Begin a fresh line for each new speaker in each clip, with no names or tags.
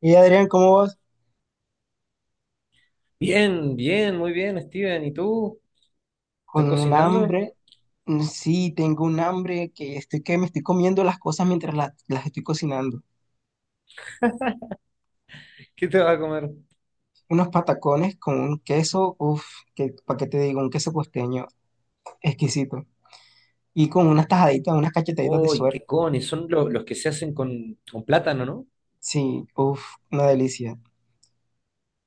Y Adrián, ¿cómo vas?
Bien, bien, muy bien, Steven. ¿Y tú? ¿Estás
Con un
cocinando?
hambre. Sí, tengo un hambre que estoy que me estoy comiendo las cosas mientras las estoy cocinando.
¿Qué te vas a comer?
Unos patacones con un queso, uff, que, ¿para qué te digo? Un queso costeño exquisito. Y con unas tajaditas, unas cachetaditas de
¡Ay,
suero.
qué cones! Son los que se hacen con plátano, ¿no?
Sí, uff, una delicia.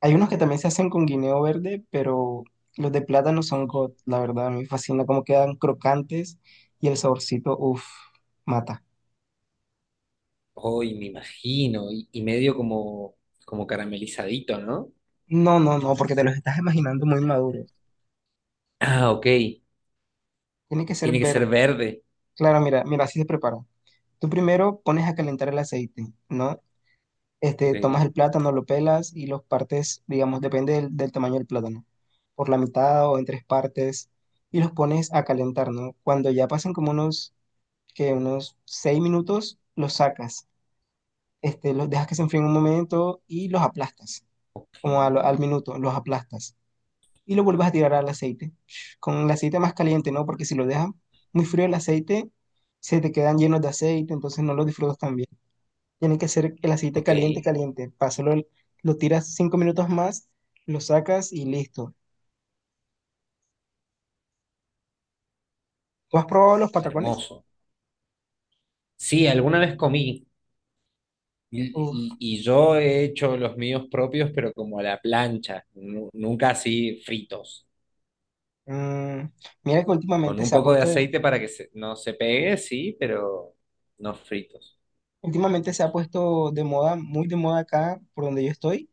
Hay unos que también se hacen con guineo verde, pero los de plátano no son god, la verdad, a mí me fascina cómo quedan crocantes y el saborcito, uff, mata.
¡Ay, me imagino! Y medio como, como caramelizadito, ¿no?
No, no, no, porque te los estás imaginando muy maduro.
Ah, ok.
Tiene que ser
Tiene que ser
verde.
verde.
Claro, mira, mira, así se prepara. Tú primero pones a calentar el aceite, ¿no?
Ok,
Tomas el plátano, lo pelas y los partes, digamos, depende del tamaño del plátano, por la mitad o en tres partes, y los pones a calentar, ¿no? Cuando ya pasen como unos, Que unos seis minutos, los sacas, los dejas que se enfríen un momento y los aplastas, como a al
ok,
minuto, los aplastas y lo vuelves a tirar al aceite. Con el aceite más caliente, ¿no? Porque si lo dejas muy frío el aceite, se te quedan llenos de aceite, entonces no lo disfrutas tan bien. Tiene que ser el aceite
ok.
caliente, caliente. Pásalo, lo tiras cinco minutos más, lo sacas y listo. ¿Tú has probado los patacones?
Hermoso. Sí, alguna vez comí. Y,
Uf,
yo he hecho los míos propios, pero como a la plancha, nunca así fritos.
mm, mira que
Con un poco de aceite para que no se pegue, sí, pero no fritos.
últimamente se ha puesto de moda, muy de moda acá por donde yo estoy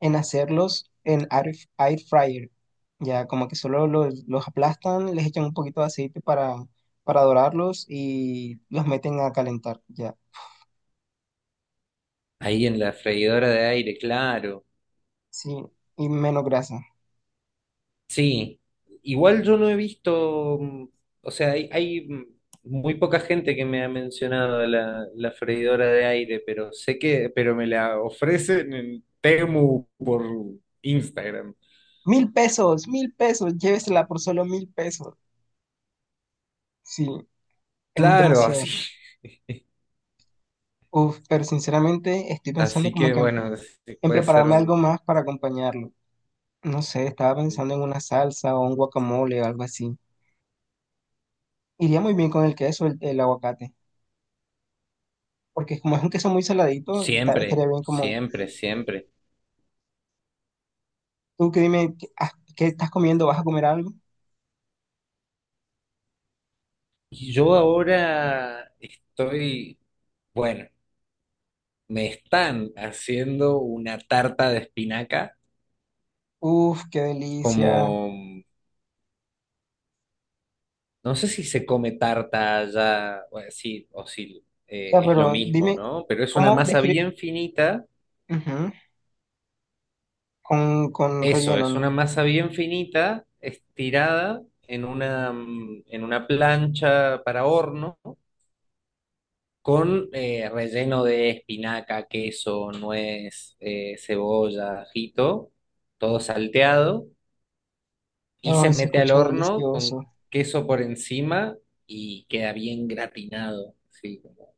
en hacerlos en air fryer. Ya como que solo los aplastan, les echan un poquito de aceite para dorarlos y los meten a calentar. Ya,
Ahí en la freidora de aire, claro.
sí, y menos grasa.
Sí, igual yo no he visto, o sea, hay muy poca gente que me ha mencionado la freidora de aire, pero sé que, pero me la ofrecen en Temu por Instagram.
Mil pesos, llévesela por solo mil pesos. Sí, es
Claro,
demasiado.
así.
Uf, pero sinceramente estoy pensando
Así
como
que
que
bueno, sí,
en
puede ser
prepararme algo más para acompañarlo. No sé, estaba pensando en una salsa o un guacamole o algo así. Iría muy bien con el queso, el aguacate, porque como es un queso muy saladito,
siempre,
estaría bien como,
siempre, siempre.
tú que dime, ¿qué estás comiendo? ¿Vas a comer algo?
Y yo ahora estoy. Bueno, me están haciendo una tarta de espinaca,
Uf, qué delicia. O
como no sé si se come tarta allá, bueno, sí, o si
sea,
es lo
pero
mismo,
dime,
¿no? Pero es una
¿cómo
masa
describir?
bien finita,
Con
eso,
relleno,
es
¿no?
una masa bien finita, estirada en una, en una plancha para horno, con relleno de espinaca, queso, nuez, cebolla, ajito, todo salteado. Y se
Ay, se
mete al
escucha
horno con
delicioso.
queso por encima y queda bien gratinado, sí, como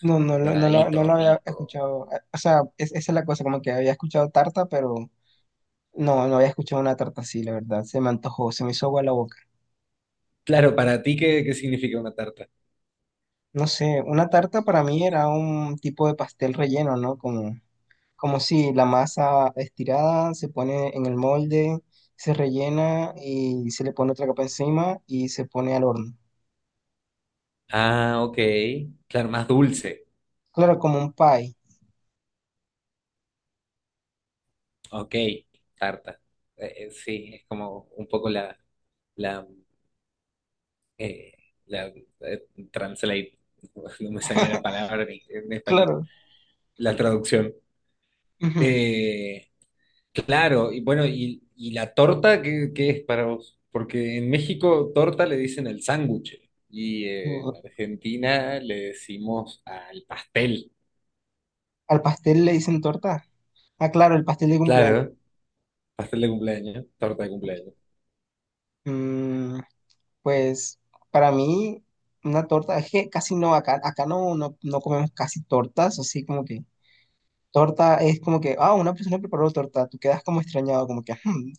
No
doradito,
lo había
rico.
escuchado. O sea, esa es la cosa, como que había escuchado tarta, pero no, no había escuchado una tarta así, la verdad. Se me antojó, se me hizo agua la boca.
Claro, para ti, ¿qué, qué significa una tarta?
No sé, una tarta para mí era un tipo de pastel relleno, ¿no? Como si la masa estirada se pone en el molde, se rellena y se le pone otra capa encima y se pone al horno.
Ah, ok. Claro, más dulce.
Claro, como un pie.
Ok, tarta. Sí, es como un poco la, la, eh, la translate, no me salió la palabra en español,
Claro.
la traducción. Eh, Claro, y bueno, y la torta, ¿qué, qué es para vos? Porque en México torta le dicen el sándwich y en
Ujú.
Argentina le decimos al pastel.
Al pastel le dicen torta. Ah, claro, el pastel de cumpleaños.
Claro, pastel de cumpleaños, torta de cumpleaños.
Mm, pues para mí, una torta, es que casi no, acá no comemos casi tortas, así como que torta es como que, ah, una persona preparó torta, tú quedas como extrañado, como que, "Hmm,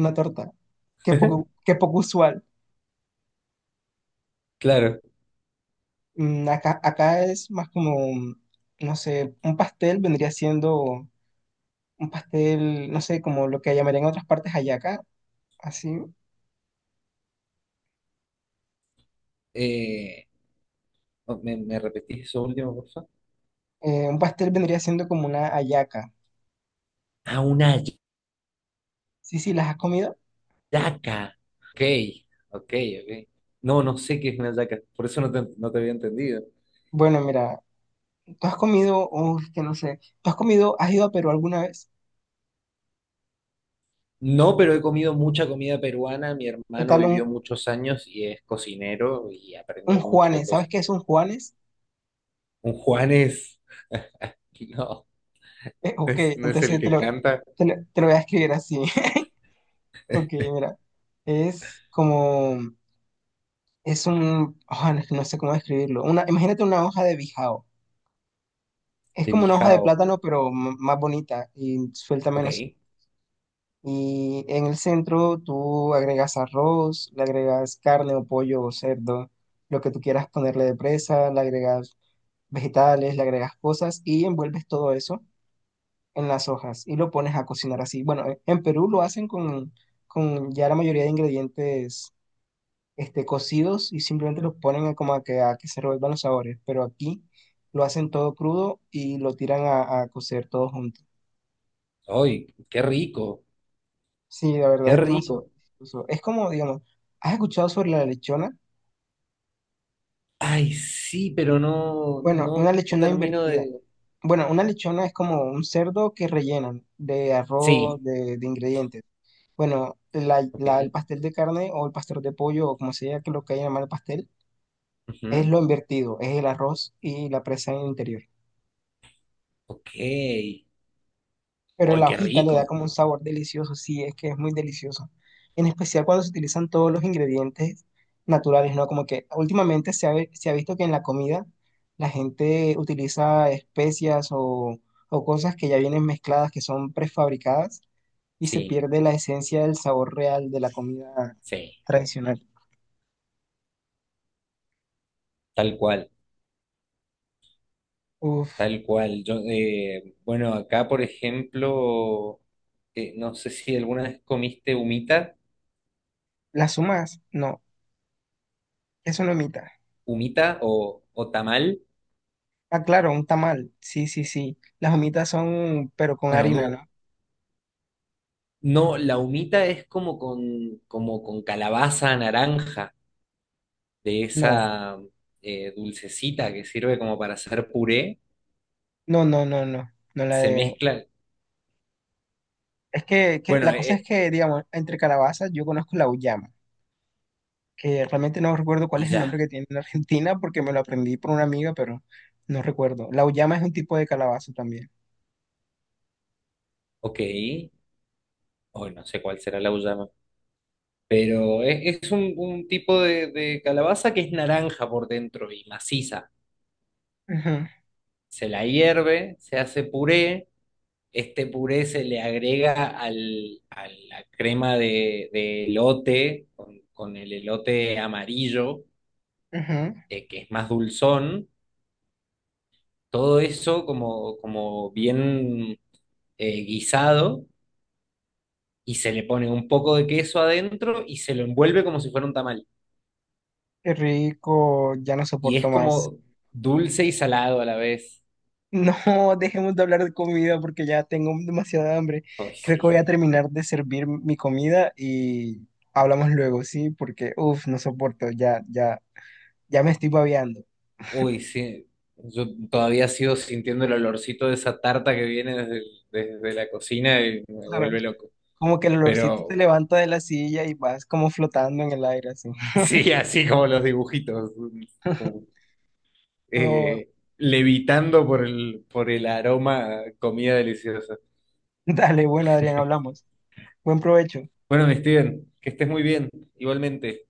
una torta. Qué poco usual."
Claro.
Acá, acá es más como, no sé, un pastel vendría siendo un pastel, no sé, como lo que llamarían en otras partes hallaca, así.
Eh, oh, ¿me, me repetís eso último, por favor?
Un pastel vendría siendo como una hallaca.
Ah, una
Sí, sí, ¿las has comido?
yaca. Ok, ok, ok. No, no sé qué es una yaca, por eso no te, no te había entendido.
Bueno, mira, tú has comido, uff, que no sé, tú has comido, has ido a Perú alguna vez,
No, pero he comido mucha comida peruana. Mi
¿qué
hermano
tal
vivió muchos años y es cocinero y
un
aprendió mucho de
Juanes? ¿Sabes
cosas.
qué es un Juanes?
Un Juanes, no, no
Ok,
es, no es el
entonces te
que
lo,
canta,
te lo voy a escribir así. Ok, mira, es como... Es un, ah, no, no sé cómo describirlo. Una, imagínate una hoja de bijao. Es
de
como una hoja de
Bijao.
plátano, pero más bonita y suelta menos.
Ok.
Y en el centro tú agregas arroz, le agregas carne o pollo o cerdo, lo que tú quieras ponerle de presa, le agregas vegetales, le agregas cosas y envuelves todo eso en las hojas y lo pones a cocinar así. Bueno, en Perú lo hacen con ya la mayoría de ingredientes, cocidos, y simplemente los ponen a, como a que se revuelvan los sabores, pero aquí lo hacen todo crudo y lo tiran a cocer todo junto.
¡Ay, qué rico!
Sí, la verdad
¡Qué
es demasiado
rico!
delicioso. Es como, digamos, ¿has escuchado sobre la lechona?
Ay, sí, pero no,
Bueno, una
no
lechona
termino
invertida.
de...
Bueno, una lechona es como un cerdo que rellenan de arroz,
Sí,
de ingredientes. Bueno,
ok,
el pastel de carne o el pastel de pollo o como sea que lo que haya llamar el pastel, es
ujú,
lo invertido, es el arroz y la presa en el interior.
ok. ¡Ay,
Pero la
qué
hojita le da
rico!
como un sabor delicioso, sí, es que es muy delicioso. En especial cuando se utilizan todos los ingredientes naturales, ¿no? Como que últimamente se se ha visto que en la comida la gente utiliza especias o cosas que ya vienen mezcladas, que son prefabricadas, y se
Sí,
pierde la esencia del sabor real de la comida
sí,
tradicional.
tal cual.
Uf,
Tal cual. Yo, bueno, acá, por ejemplo, no sé si alguna vez comiste humita,
las humas, no, es una humita.
humita o tamal.
Ah, claro, un tamal, sí, sí, sí. Las humitas son, pero con
Bueno,
harina,
no,
¿no?
no, la humita es como con calabaza naranja, de
No.
esa dulcecita que sirve como para hacer puré.
No, no, no, no, no la
Se
de...
mezcla,
Es que
bueno,
la cosa es que, digamos, entre calabazas yo conozco la uyama, que realmente no recuerdo cuál
y
es el nombre
ya,
que tiene en Argentina porque me lo aprendí por una amiga, pero no recuerdo. La uyama es un tipo de calabaza también.
ok. Hoy no sé cuál será la uyama. Pero es un tipo de calabaza que es naranja por dentro y maciza.
Ujú,
Se la hierve, se hace puré, este puré se le agrega al, a la crema de elote, con el elote amarillo,
ujú.
que es más dulzón, todo eso como, como bien guisado, y se le pone un poco de queso adentro y se lo envuelve como si fuera un tamal.
Qué rico, ya no
Y es
soporto más.
como dulce y salado a la vez.
No, dejemos de hablar de comida porque ya tengo demasiada hambre.
Ay,
Creo que voy
sí.
a terminar de servir mi comida y hablamos luego, ¿sí? Porque, uff, no soporto, ya, ya, ya me estoy babeando.
Uy, sí, yo todavía sigo sintiendo el olorcito de esa tarta que viene desde, desde la cocina y me vuelve loco.
Como que el olorcito te
Pero
levanta de la silla y vas como flotando en el aire así.
sí, así como los dibujitos, como,
No,
eh, levitando por el aroma a comida deliciosa.
dale, bueno, Adrián, hablamos. Buen provecho.
Bueno, mi Steven, que estés muy bien, igualmente.